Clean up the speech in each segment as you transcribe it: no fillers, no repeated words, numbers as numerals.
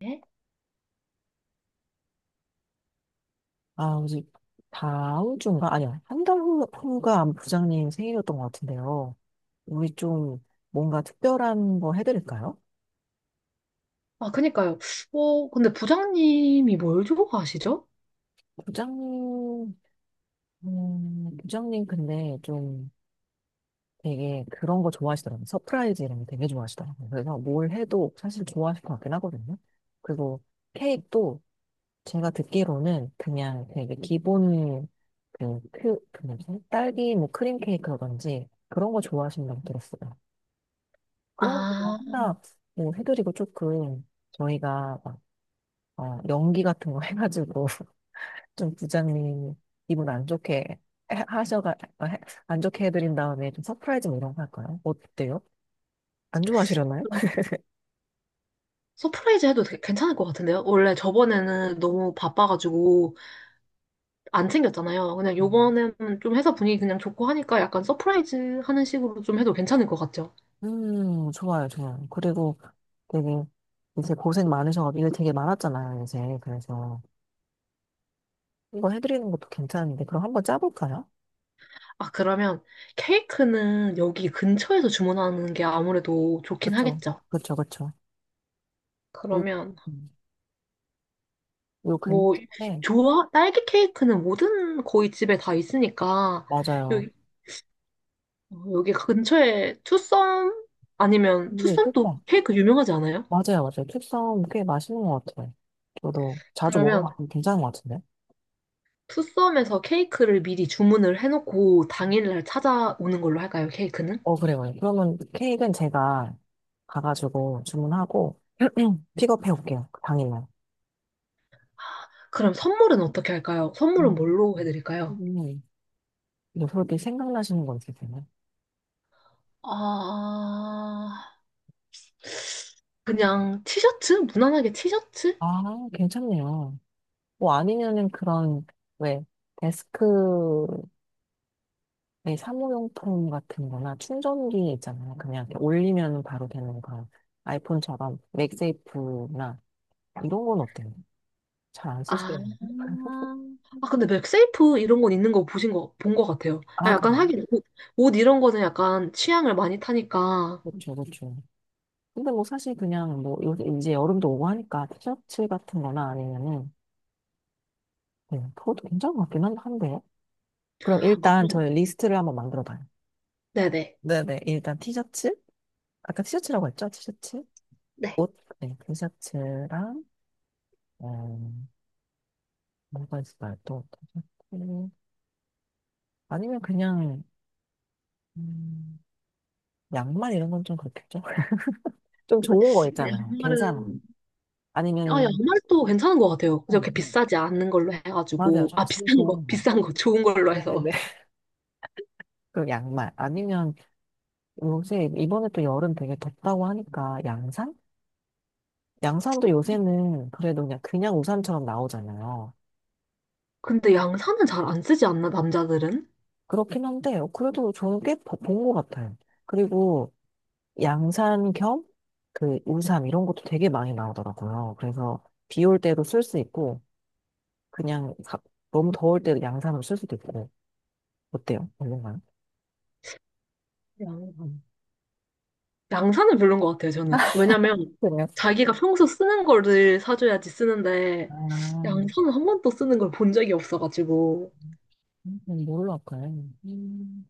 네? 아, 이제 다음 주인가? 아니야. 한 달 후가 아마 부장님 생일이었던 것 같은데요. 우리 좀 뭔가 특별한 거 해드릴까요? 아, 그니까요. 근데 부장님이 뭘 좋아하시죠? 부장님, 부장님 근데 좀 되게 그런 거 좋아하시더라고요. 서프라이즈 이런 거 되게 좋아하시더라고요. 그래서 뭘 해도 사실 좋아하실 것 같긴 하거든요. 그리고 케이크도 제가 듣기로는 그냥 되게 기본 그 뭐지? 딸기 뭐 크림 케이크라든지 그런 거 좋아하신다고 들었어요. 그런 거 그냥 아, 하나 뭐 해드리고 조금 저희가 막, 연기 같은 거 해가지고 좀 부장님 기분 안 좋게 해- 하셔가 어, 해- 안 좋게 해드린 다음에 좀 서프라이즈 뭐 이런 거 할까요? 어때요? 안 좋아하시려나요? 그럼 서프라이즈 해도 되게 괜찮을 것 같은데요? 원래 저번에는 너무 바빠가지고 안 챙겼잖아요. 그냥 음, 요번에는 좀 회사 분위기 그냥 좋고 하니까 약간 서프라이즈 하는 식으로 좀 해도 괜찮을 것 같죠? 좋아요, 좋아요. 그리고 되게 이제 고생 많으셔가지고 일 되게 많았잖아요, 이제. 그래서 이거 해드리는 것도 괜찮은데 그럼 한번 짜볼까요? 아, 그러면 케이크는 여기 근처에서 주문하는 게 아무래도 좋긴 그렇죠, 하겠죠? 그렇죠, 그렇죠. 요, 그러면 음, 요 뭐, 근처에 좋아? 딸기 케이크는 모든 거의 집에 다 있으니까 맞아요. 여기 근처에 투썸 아니면 이게 투썸도 케이크 유명하지 않아요? 맞아요, 맞아요. 캡섬 꽤 맛있는 것 같아요. 저도 자주 그러면 먹어봤는데 괜찮은 것 같은데. 투썸에서 케이크를 미리 주문을 해놓고 당일날 찾아오는 걸로 할까요? 케이크는? 어, 그래요. 그래요. 그러면 케이크는 제가 가가지고 주문하고 픽업해 올게요. 그 당일날. 그럼 선물은 어떻게 할까요? 선물은 음. 뭘로 해드릴까요? 음. 뭐 그렇게 생각나시는 건 있으세요? 아, 그냥 티셔츠? 무난하게 티셔츠? 아, 괜찮네요. 뭐 아니면은 그런, 왜, 데스크에 사무용품 같은 거나 충전기 있잖아요. 그냥 이렇게 올리면 바로 되는 그런 아이폰처럼 맥세이프나 이런 건 어때요? 잘 안 아, 쓰시대요. 아 근데 맥세이프 이런 건 있는 거 보신 거, 본 거 같아요. 아, 아, 약간 그럼. 하긴 옷, 옷 이런 거는 약간 취향을 많이 타니까. 그렇죠, 그렇죠. 근데 뭐 사실 그냥 뭐 요새 이제 여름도 오고 하니까 티셔츠 같은 거나 아니면은 그 그것도 괜찮은 것 같긴 한데. 그럼 아, 일단 그럼, 저희 리스트를 한번 만들어 봐요. 네네. 네네. 일단 티셔츠. 아까 티셔츠라고 했죠? 티셔츠. 네. 옷. 네, 티셔츠랑, 음, 뭐가 있을까요? 또 티셔츠. 아니면 그냥, 음, 양말 이런 건 좀 그렇겠죠? 좀 근데 좋은 거 아, 있잖아요. 괜찮아. 양말은 아 아니면, 양말도 괜찮은 것 같아요. 음, 그렇게 음. 비싸지 않은 걸로 맞아요. 해가지고 좀 아 진짜 비싼 거 좋은 거. 비싼 거 좋은 걸로 해서. 네네네. 그 양말 아니면 요새 이번에 또 여름 되게 덥다고 하니까 양산? 양산도 요새는 그래도 그냥 우산처럼 나오잖아요. 근데 양산은 잘 안 쓰지 않나 남자들은? 그렇긴 한데 그래도 저는 꽤 본 것 같아요. 그리고 양산 겸 그 우산 이런 것도 되게 많이 나오더라고요. 그래서 비 올 때도 쓸 수 있고 그냥 너무 더울 때도 양산으로 쓸 수도 있고 어때요? 얼마나? 양산. 양산은 별론 것 같아요 저는. 왜냐면 그래요? 자기가 평소 쓰는 거를 사줘야지 쓰는데 아, 양산은 한 번도 쓰는 걸 본 적이 없어가지고 뭘로 할까요? 음,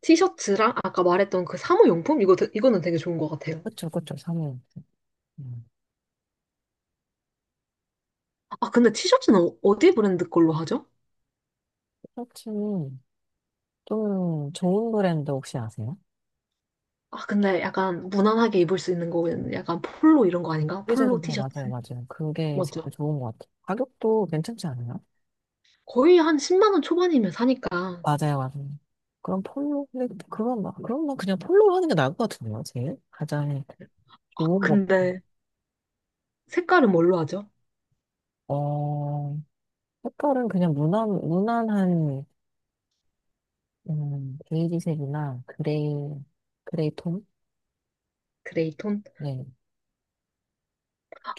티셔츠랑 아까 말했던 그 사무용품 이거 이거는 되게 좋은 것 같아요. 그쵸, 그쵸, 사모님. 음, 아 근데 티셔츠는 어디 브랜드 걸로 하죠? 셔츠는 좀 좋은 브랜드 혹시 아세요? 아, 근데 약간 무난하게 입을 수 있는 거는 약간 폴로 이런 거 아닌가? 프리저도 폴로 티셔츠. 맞아요, 맞아요. 그게 진짜 맞죠? 좋은 것 같아요. 가격도 괜찮지 않아요? 거의 한 10만 원 초반이면 사니까. 맞아요, 맞아요. 그럼 폴로, 근데 그건 막, 그런 건 그냥 폴로 하는 게 나을 것 같은데요, 제일? 가장 아, 좋은 거. 근데 색깔은 뭘로 하죠? 어, 색깔은 그냥 무난한, 베이지색이나 그레이, 그레이 톤? 그레이 톤? 네.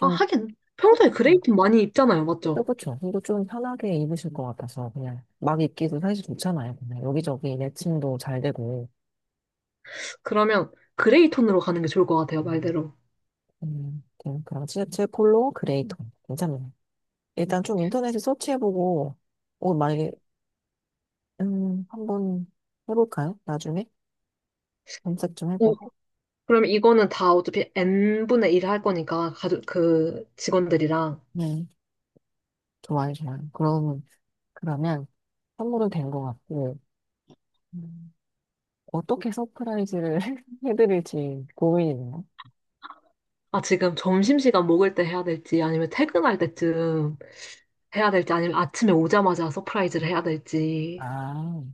아, 하긴 평소에 편하게. 그레이 톤 많이 입잖아요. 그쵸, 맞죠? 그쵸. 이거 좀 편하게 입으실 것 같아서 그냥 막 입기도 사실 좋잖아요. 그냥 여기저기 매칭도 잘 되고. 그러면 그레이 톤으로 가는 게 좋을 것 같아요. 음. 말대로. 그럼 제 폴로 그레이톤 괜찮네요. 일단 좀 인터넷에 서치해보고 오 만약에 한번 해볼까요? 나중에 검색 좀 오 해보고. 그러면 이거는 다 어차피 N분의 1 할 거니까 가족 그 직원들이랑 네, 좋아요, 좋아요. 그러면 선물은 된 것 같고 음, 어떻게 서프라이즈를 해드릴지 고민이네요. 아, 지금 점심시간 먹을 때 해야 될지, 아니면 퇴근할 때쯤 해야 될지, 아니면 아침에 오자마자 서프라이즈를 해야 될지. 아,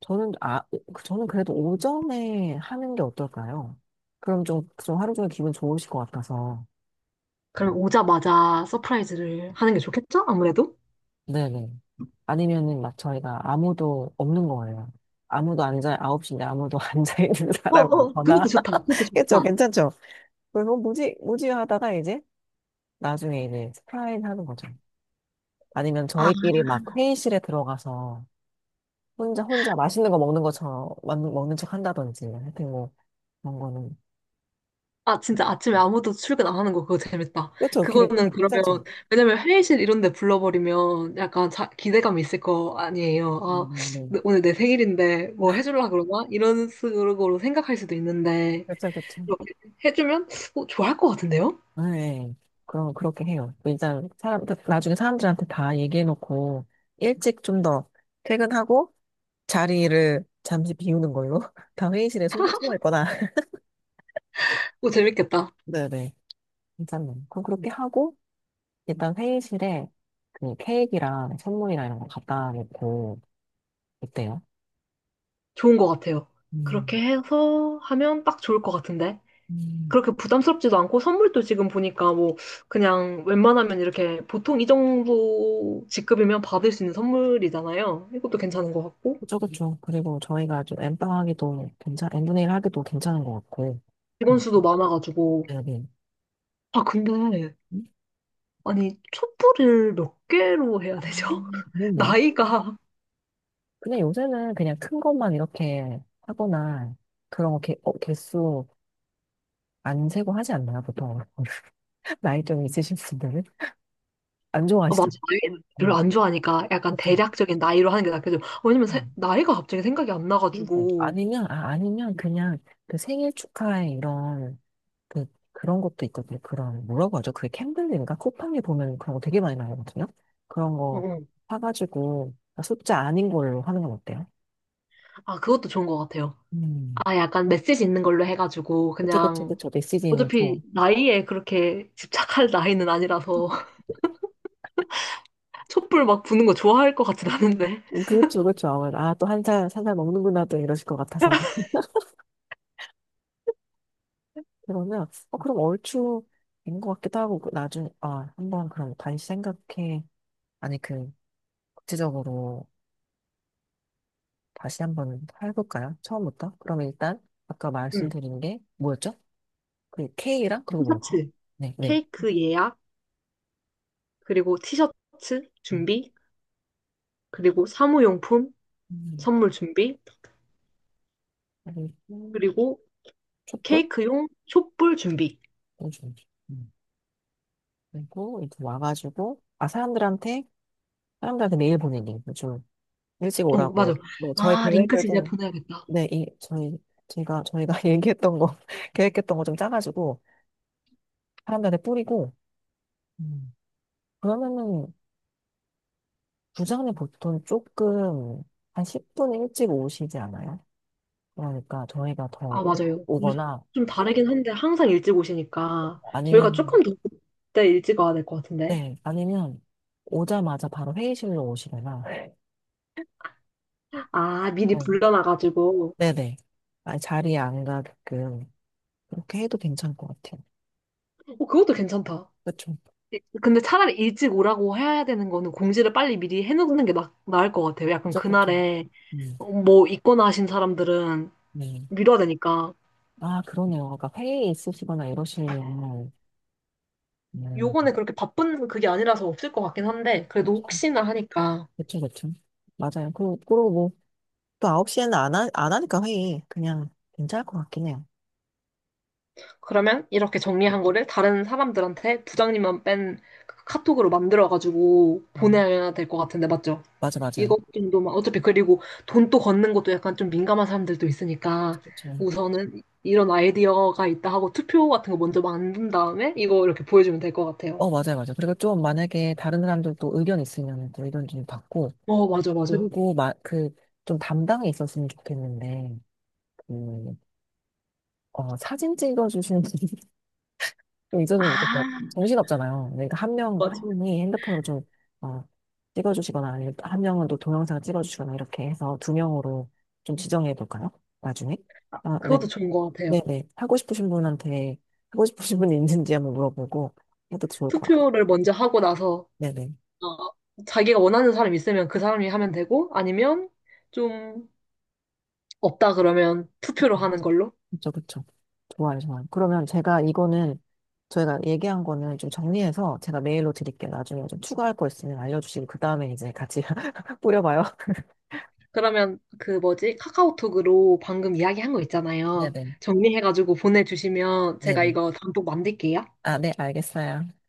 저는 아 저는 그래도 오전에 하는 게 어떨까요? 그럼 좀 하루 종일 기분 좋으실 것 같아서. 그럼 오자마자 서프라이즈를 하는 게 좋겠죠? 아무래도? 네네. 아니면은 막 저희가 아무도 없는 거예요. 9시인데 아무도 앉아있는 어, 사람이 어. 그것도 없거나. 좋다. 그것도 그쵸, 좋다. 괜찮죠? 그래서 뭐지 하다가 이제 나중에 이제 스프라인 하는 거죠. 아니면 아, 저희끼리 막 회의실에 들어가서 혼자 맛있는 거 먹는 것처럼, 먹는 척 한다든지, 하여튼 뭐, 그런 거는. 아, 진짜 아침에 아무도 출근 안 하는 거 그거 재밌다. 그쵸, 괜- 그거는 그러면, 괜찮죠? 왜냐면 회의실 이런 데 불러버리면 약간 자, 기대감이 있을 거 아니에요. 아, 네. 오늘 내 생일인데 뭐 해주려고 그러나? 이런 식으로 생각할 수도 있는데. 그쵸, 그쵸. 이렇게 해주면 좋아할 것 같은데요? 네. 그럼 그렇게 해요. 일단 사람 나중에 사람들한테 다 얘기해 놓고 일찍 좀 더 퇴근하고 자리를 잠시 비우는 걸로 다 회의실에 숨 숨어 있거나. 어, 재밌겠다. 네네. 괜찮네요. 그럼 그렇게 하고 일단 회의실에 그 케이크랑 선물이나 이런 거 갖다 놓고 있대요. 좋은 것 같아요. 그렇게 음. 해서 하면 딱 좋을 것 같은데. 음. 그렇게 부담스럽지도 않고 선물도 지금 보니까 뭐 그냥 웬만하면 이렇게 보통 이 정도 직급이면 받을 수 있는 선물이잖아요. 이것도 괜찮은 것 같고. 그쵸, 그쵸. 그리고 저희가 좀 엠빵하기도 괜찮 엠분의 일 하기도 괜찮은 것 같고. 그 직원 수도 많아가지고. 네네. 아, 근데 음? 아니 촛불을 몇 개로 해야 아, 되죠? 그렇네. 나이가 근데 요새는 그냥 큰 것만 이렇게 하거나 그런 거 개, 어, 개수 안 세고 하지 않나요? 보통 나이 좀 있으신 분들은 안 어, 맞아. 좋아하시잖아요. 나이 그냥 별로 안 좋아하니까 약간 보 대략적인 나이로 하는 게 낫겠죠. 왜냐면 그냥 나이가 갑자기 생각이 안 힘들. 나가지고. 아니면 그냥 그 생일 축하에 이런 그 그런 것도 있거든요. 그런 뭐라고 하죠? 그게 캔들인가? 쿠팡에 보면 그런 거 되게 많이 나오거든요. 그런 어, 거 어. 사가지고 아, 숫자 아닌 걸로 하는 건 어때요? 아, 그것도 좋은 것 같아요. 음. 아, 약간 메시지 있는 걸로 해가지고 그쵸, 그쵸, 그냥 그쵸. 메시지 는 어차피 나이에 그렇게 집착할 나이는 아니라서 촛불 막 부는 거 좋아할 것 같진 않은데. 그렇죠, 그렇죠. 아, 또 한 살, 한 살 먹는구나, 또 이러실 것 같아서. 그러면, 어, 그럼 얼추 된 것 같기도 하고, 그 나중에, 아, 한번 그럼 다시 생각해. 아니, 그, 구체적으로 다시 한번 해볼까요? 처음부터? 그럼 일단, 아까 응. 말씀드린 게 뭐였죠? 그 K랑, 그리고 뭐였죠? 티셔츠, 네, 네. 케이크 예약, 그리고 티셔츠 음, 준비, 그리고 사무용품 음, 선물 준비, 그리고 그리고 촛불? 케이크용 촛불 준비. 요즘. 음, 그리고 이렇게 와가지고, 아, 사람들한테 메일 보내기. 요즘 일찍 어, 맞아. 오라고. 뭐, 저희 아, 링크 계획을 진짜 좀 보내야겠다. 네, 저희가 얘기했던 거, 계획했던 거 좀 짜가지고, 사람들한테 뿌리고, 음, 그러면은, 부장님 보통 조금, 한 10분 일찍 오시지 않아요? 그러니까 저희가 더 아, 일찍 맞아요. 요즘 오거나, 좀 다르긴 한데 항상 일찍 오시니까 저희가 아니면, 조금 더 그때 일찍 와야 될 것 같은데. 네, 아니면, 오자마자 바로 회의실로 오시거나, 아, 미리 네, 불러놔가지고. 네네. 아, 자리에 안 가게끔, 그렇게 해도 괜찮을 것 같아요. 어, 그것도 괜찮다. 그쵸. 근데 차라리 일찍 오라고 해야 되는 거는 공지를 빨리 미리 해놓는 게 나을 것 같아요. 약간 그쵸, 그쵸. 그날에 음, 어, 뭐 있거나 하신 사람들은 네. 미뤄야 되니까. 아, 그러네요. 그러니까 회의 있으시거나 이러시면, 음, 요번에 그렇게 바쁜 그게 아니라서 없을 것 같긴 한데 그래도 그쵸, 혹시나 하니까. 그쵸, 그쵸. 맞아요. 그, 그리고 뭐, 또 9시에는 안, 하, 안 하니까 회의. 그냥 괜찮을 것 같긴 해요. 그러면 이렇게 정리한 거를 다른 사람들한테 부장님만 뺀그 카톡으로 만들어가지고 음, 보내야 될 것 같은데, 맞죠? 맞아, 맞아요. 이것 정도만, 어차피 그리고 돈 또 걷는 것도 약간 좀 민감한 사람들도 그쵸, 있으니까 그쵸. 우선은 이런 아이디어가 있다 하고 투표 같은 거 먼저 만든 다음에 이거 이렇게 보여주면 될 것 같아요. 어, 맞아요, 맞아요. 그리고 좀 만약에 다른 사람들도 의견 있으면 또 의견 좀 받고, 어, 맞아, 맞아. 그리고 마, 그, 좀 담당이 있었으면 좋겠는데, 그, 어, 사진 찍어주시는 이제는 그때 아, 정신없잖아요. 그러니까 한 명, 한 맞아. 명이 핸드폰으로 좀, 어, 찍어주시거나, 아니면 또한 명은 또 동영상 을 찍어주시거나, 이렇게 해서 두 명으로 좀 지정해 볼까요? 나중에? 아, 네. 그것도 좋은 것 같아요. 네네. 하고 싶으신 분한테, 하고 싶으신 분이 있는지 한번 물어보고 해도 좋을 것 같아요. 투표를 먼저 하고 나서 네네. 어, 자기가 원하는 사람 이 있으면 그 사람이 하면 되고 아니면 좀... 없다 그러면 투표로 하는 걸로? 그쵸, 그쵸. 좋아요, 좋아요. 그러면 제가 이거는, 저희가 얘기한 거는 좀 정리해서 제가 메일로 드릴게요. 나중에 좀 추가할 거 있으면 알려주시고, 그 다음에 이제 같이 뿌려봐요. 그러면 그 뭐지? 카카오톡으로 방금 이야기한 거 있잖아요. 네네. 정리해가지고 보내주시면 제가 네네. 이거 단독 만들게요. 아, 네, 알겠어요.